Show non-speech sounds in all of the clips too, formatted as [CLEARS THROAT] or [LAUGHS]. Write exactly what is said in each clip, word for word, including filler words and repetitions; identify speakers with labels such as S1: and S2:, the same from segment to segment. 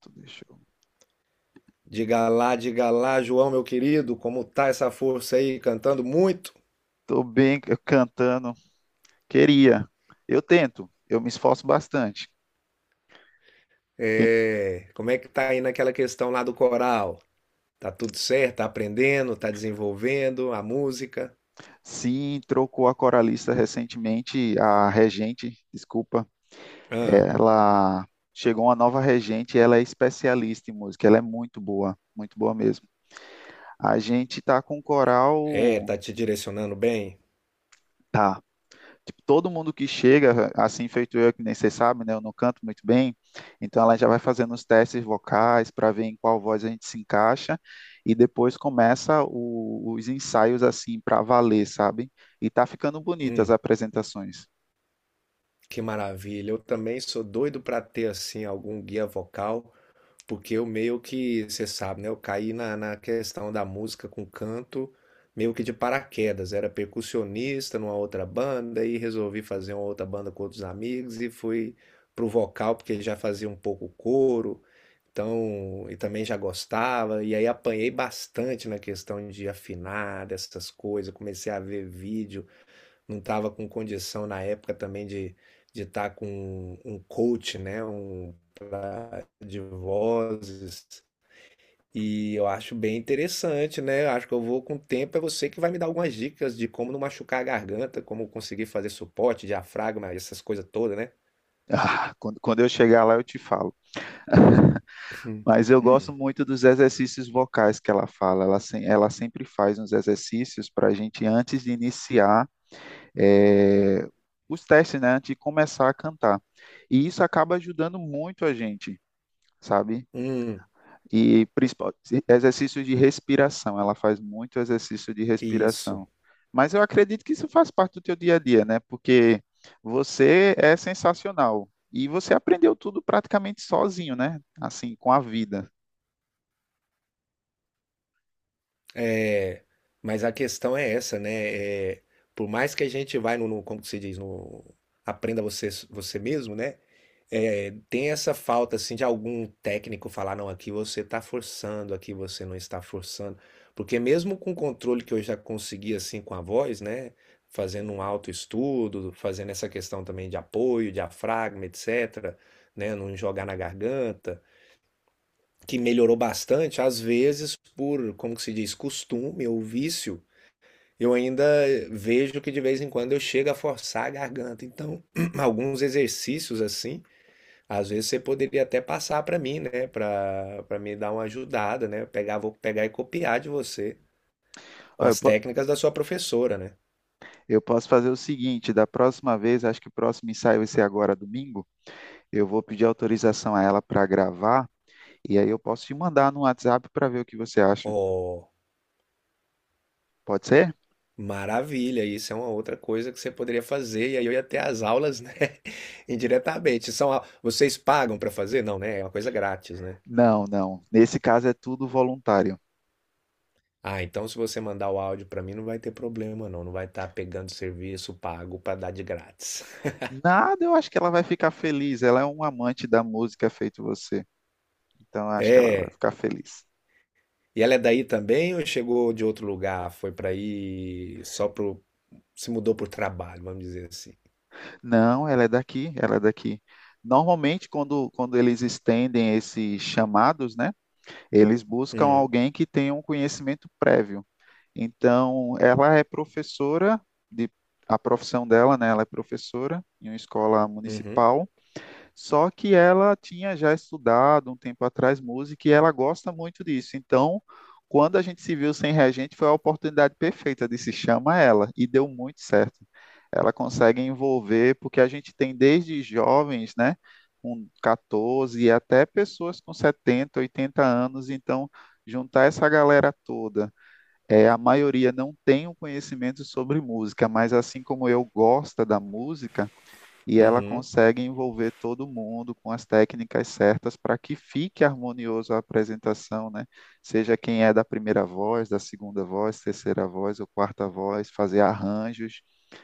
S1: Tô, deixa eu-
S2: Diga lá, diga lá, João, meu querido, como tá essa força aí cantando muito?
S1: tô bem eu cantando. Queria. Eu tento. Eu me esforço bastante. Quem-
S2: É, como é que tá aí naquela questão lá do coral? Tá tudo certo? Tá aprendendo? Tá desenvolvendo a música?
S1: Sim, trocou a coralista recentemente, a regente, desculpa.
S2: Ah,
S1: Ela Chegou uma nova regente, ela é especialista em música, ela é muito boa, muito boa mesmo. A gente tá com um
S2: é,
S1: coral,
S2: tá te direcionando bem?
S1: tá. Tipo, todo mundo que chega, assim feito eu, que nem vocês sabem, né? Eu não canto muito bem, então ela já vai fazendo os testes vocais para ver em qual voz a gente se encaixa e depois começa o- os ensaios assim para valer, sabe? E tá ficando bonitas as
S2: Hum,
S1: apresentações.
S2: que maravilha. Eu também sou doido para ter assim algum guia vocal. Porque eu meio que, você sabe, né? Eu caí na, na questão da música com canto meio que de paraquedas. Era percussionista numa outra banda e resolvi fazer uma outra banda com outros amigos e fui pro vocal porque já fazia um pouco coro, então, e também já gostava. E aí apanhei bastante na questão de afinar, dessas coisas. Comecei a ver vídeo, não estava com condição na época também de de estar com um coach, né, um pra- de vozes. E eu acho bem interessante, né? Eu acho que eu vou com o tempo, é você que vai me dar algumas dicas de como não machucar a garganta, como conseguir fazer suporte, diafragma, essas coisas todas, né?
S1: Ah, quando, quando eu chegar lá eu te falo. Mas eu gosto muito dos exercícios vocais que ela fala. Ela, se- Ela sempre faz uns exercícios para a gente, antes de iniciar, é, os testes, né, antes de começar a cantar. E isso acaba ajudando muito a gente, sabe?
S2: Hum,
S1: E principal, exercício de respiração, ela faz muito exercício de
S2: isso.
S1: respiração. Mas eu acredito que isso faz parte do teu dia a dia, né? Porque você é sensacional e você aprendeu tudo praticamente sozinho, né? Assim, com a vida.
S2: É, mas a questão é essa, né? É, por mais que a gente vai no, no- como que se diz, no aprenda você você mesmo, né? É, tem essa falta assim de algum técnico falar: "Não, aqui você está forçando, aqui você não está forçando". Porque mesmo com o controle que eu já consegui, assim, com a voz, né, fazendo um autoestudo, fazendo essa questão também de apoio, diafragma, etcétera, né, não jogar na garganta, que melhorou bastante, às vezes por, como que se diz, costume ou vício, eu ainda vejo que de vez em quando eu chego a forçar a garganta. Então, [CLEARS THROAT] alguns exercícios, assim às vezes você poderia até passar para mim, né? Para para me dar uma ajudada, né? Pegar, vou pegar e copiar de você com
S1: Ó, Eu,
S2: as
S1: po-
S2: técnicas da sua professora, né?
S1: eu posso fazer o seguinte, da próxima vez, acho que o próximo ensaio vai ser agora domingo, eu vou pedir autorização a ela para gravar. E aí eu posso te mandar no WhatsApp para ver o que você acha.
S2: Oh,
S1: Pode ser?
S2: maravilha! Isso é uma outra coisa que você poderia fazer e aí eu ia ter as aulas, né? [LAUGHS] Indiretamente. São, au- vocês pagam para fazer? Não, né? É uma coisa grátis, né?
S1: Não, não. Nesse caso é tudo voluntário.
S2: Ah, então se você mandar o áudio para mim não vai ter problema, não. Não vai estar pegando serviço pago para dar de grátis. [LAUGHS]
S1: Nada, eu acho que ela vai ficar feliz. Ela é um amante da música feito você. Então eu acho que ela vai
S2: É.
S1: ficar feliz.
S2: E ela é daí também ou chegou de outro lugar? Foi pra aí só pro. Se mudou pro trabalho, vamos dizer assim.
S1: Não, ela é daqui, ela é daqui. Normalmente, quando, quando eles estendem esses chamados, né, eles buscam
S2: Hum,
S1: alguém que tenha um conhecimento prévio. Então, ela é professora de a profissão dela, né? Ela é professora em uma escola
S2: uhum,
S1: municipal. Só que ela tinha já estudado um tempo atrás música e ela gosta muito disso. Então, quando a gente se viu sem reagente, foi a oportunidade perfeita de se chama ela e deu muito certo. Ela consegue envolver, porque a gente tem desde jovens, né, com quatorze até pessoas com setenta, oitenta anos, então juntar essa galera toda. É, a maioria não tem um conhecimento sobre música, mas assim como eu gosta da música, e ela
S2: uhum.
S1: consegue envolver todo mundo com as técnicas certas para que fique harmonioso a apresentação, né? Seja quem é da primeira voz, da segunda voz, terceira voz ou quarta voz, fazer arranjos.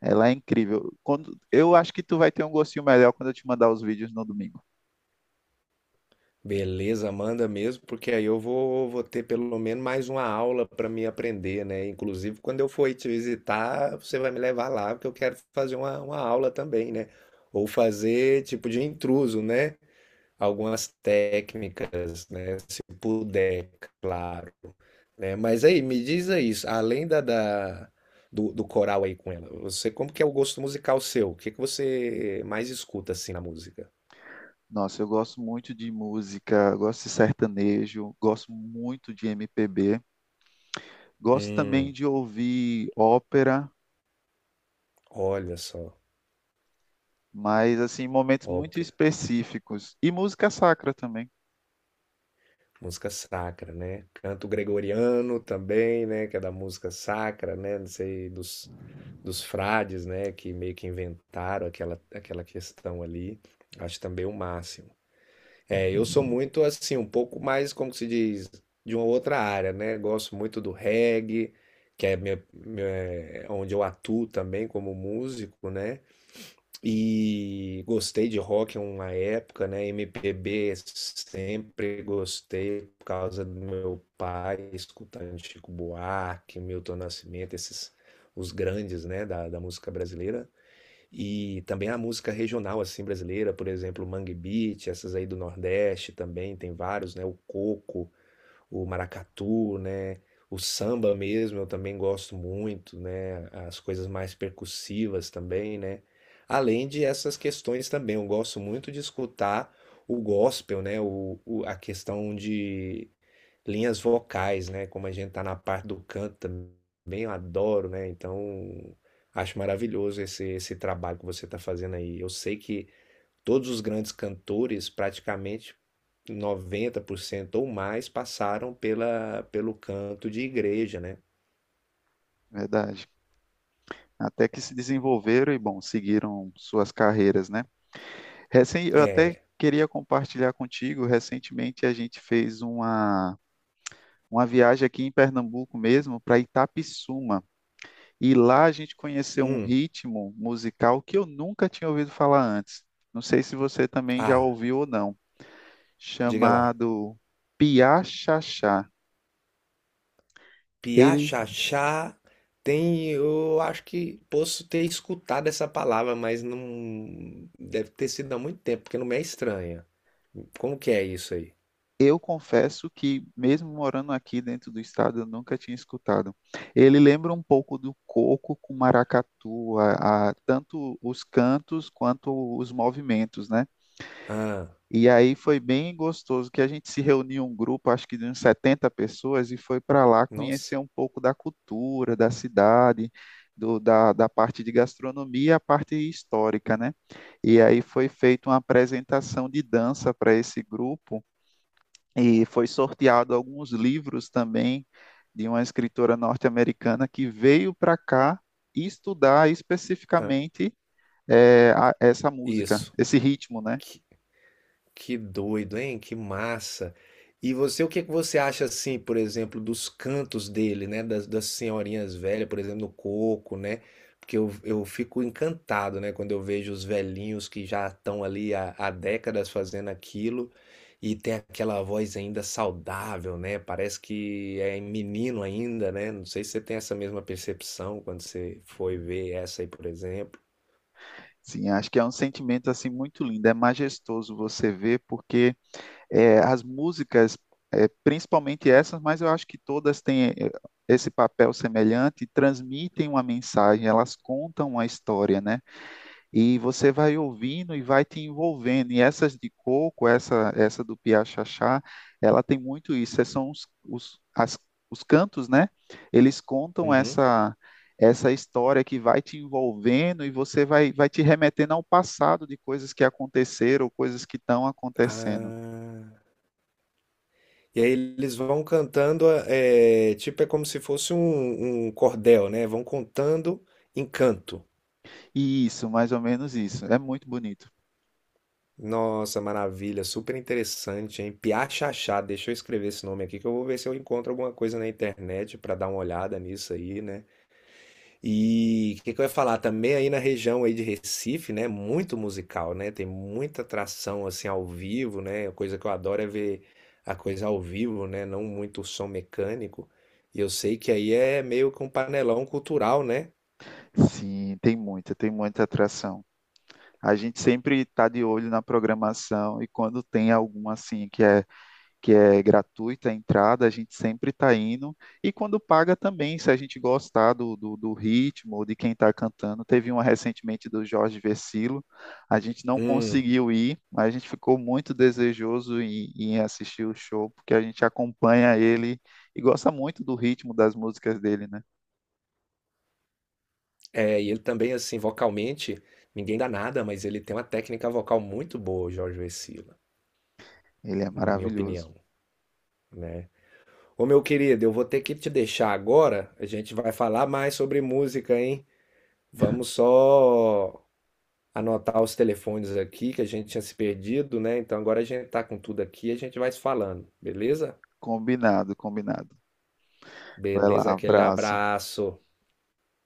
S1: Ela é incrível. Quando eu acho que tu vai ter um gostinho melhor quando eu te mandar os vídeos no domingo.
S2: Beleza, manda mesmo, porque aí eu vou, vou ter pelo menos mais uma aula pra me aprender, né? Inclusive, quando eu for te visitar, você vai me levar lá, porque eu quero fazer uma, uma aula também, né? Ou fazer tipo de intruso, né? Algumas técnicas, né? Se puder, claro, né? Mas aí, me diz aí, além da, da- do, do coral aí com ela, você, como que é o gosto musical seu? O que que você mais escuta assim na música?
S1: Nossa, eu gosto muito de música, gosto de sertanejo, gosto muito de M P B, gosto também
S2: Hum,
S1: de ouvir ópera,
S2: olha só,
S1: mas assim, em momentos muito
S2: ópera,
S1: específicos e música sacra também.
S2: música sacra, né? Canto gregoriano também, né? Que é da música sacra, né? Não sei, dos, dos frades, né? Que meio que inventaram aquela, aquela questão ali. Acho também o máximo. É, eu sou muito assim, um pouco mais, como que se diz, de uma outra área, né? Gosto muito do reggae, que é, minha, minha- é onde eu atuo também como músico, né? E gostei de rock em uma época, né? M P B sempre gostei por causa do meu pai, escutando Chico Buarque, Milton Nascimento, esses, os grandes, né, da, da música brasileira. E também a música regional assim brasileira, por exemplo, Mangue Beat, essas aí do Nordeste também tem vários, né? O coco, o maracatu, né? O samba mesmo eu também gosto muito, né? As coisas mais percussivas também, né? Além de essas questões também, eu gosto muito de escutar o gospel, né? O, o- a questão, linhas vocais, né? Como a gente tá na parte do canto também, eu adoro, né? Então, acho maravilhoso esse, esse trabalho que você tá fazendo aí. Eu sei que todos os grandes cantores, praticamente noventa por cento ou mais, passaram pela, pelo canto de igreja, né?
S1: Verdade. Até que se desenvolveram e, bom, seguiram suas carreiras, né? Recen- eu até
S2: É,
S1: queria compartilhar contigo, recentemente a gente fez uma, uma viagem aqui em Pernambuco mesmo, para Itapissuma. E lá a gente conheceu um
S2: hum,
S1: ritmo musical que eu nunca tinha ouvido falar antes. Não sei se você também já
S2: ah,
S1: ouviu ou não,
S2: diga lá.
S1: chamado piachachá. Ele
S2: Piachachá, tem, eu acho que posso ter escutado essa palavra, mas não deve ter sido há muito tempo, porque não me é estranha. Como que é isso aí?
S1: Eu confesso que, mesmo morando aqui dentro do estado, eu nunca tinha escutado. Ele lembra um pouco do coco com maracatu, a, a- tanto os cantos quanto os movimentos, né?
S2: Ah,
S1: E aí foi bem gostoso que a gente se reuniu um grupo, acho que de uns setenta pessoas, e foi para lá
S2: nossa.
S1: conhecer um pouco da cultura, da cidade, do, da, da parte de gastronomia, e a parte histórica, né? E aí foi feita uma apresentação de dança para esse grupo, e foi sorteado alguns livros também de uma escritora norte-americana que veio para cá estudar
S2: Ah,
S1: especificamente é, a- essa música,
S2: isso.
S1: esse ritmo, né?
S2: Que, Que doido, hein? Que massa. E você, o que que você acha assim, por exemplo, dos cantos dele, né? Das, das senhorinhas velhas, por exemplo, no coco, né? Porque eu, eu fico encantado, né? Quando eu vejo os velhinhos que já estão ali há, há décadas fazendo aquilo e tem aquela voz ainda saudável, né? Parece que é menino ainda, né? Não sei se você tem essa mesma percepção quando você foi ver essa aí, por exemplo.
S1: Sim, acho que é um sentimento assim muito lindo, é majestoso você ver, porque é, as músicas, é, principalmente essas, mas eu acho que todas têm é, esse papel semelhante, transmitem uma mensagem, elas contam uma história, né? E você vai ouvindo e vai te envolvendo. E essas de coco, essa essa do Piá Xaxá, ela tem muito isso. É, são os, os, as, os cantos, né? Eles contam
S2: Uhum.
S1: essa essa história que vai te envolvendo e você vai, vai te remetendo ao passado de coisas que aconteceram, coisas que estão acontecendo.
S2: Ah. E aí eles vão cantando, é, tipo, é como se fosse um, um cordel, né? Vão contando em canto.
S1: E isso, mais ou menos isso. É muito bonito.
S2: Nossa, maravilha, super interessante, hein? Piá Xaxá, deixa eu escrever esse nome aqui que eu vou ver se eu encontro alguma coisa na internet para dar uma olhada nisso aí, né? E o que, que eu ia falar também aí na região aí de Recife, né? Muito musical, né? Tem muita atração assim ao vivo, né? A coisa que eu adoro é ver a coisa ao vivo, né? Não muito som mecânico. E eu sei que aí é meio que um panelão cultural, né?
S1: Sim, tem muita, tem muita atração. A gente sempre está de olho na programação e quando tem alguma assim que é que é gratuita a entrada, a gente sempre está indo. E quando paga também, se a gente gostar do, do, do ritmo, ou de quem está cantando. Teve uma recentemente do Jorge Versilo, a gente não
S2: Hum,
S1: conseguiu ir, mas a gente ficou muito desejoso em, em assistir o show, porque a gente acompanha ele e gosta muito do ritmo das músicas dele, né?
S2: é, e ele também assim vocalmente, ninguém dá nada, mas ele tem uma técnica vocal muito boa, o Jorge Vecilla,
S1: Ele é
S2: na minha
S1: maravilhoso.
S2: opinião, né? Ô meu querido, eu vou ter que te deixar agora. A gente vai falar mais sobre música, hein? Vamos só anotar os telefones aqui que a gente tinha se perdido, né? Então agora a gente tá com tudo aqui, a gente vai se falando, beleza?
S1: Combinado, combinado. Vai lá,
S2: Beleza, aquele
S1: abraço.
S2: abraço.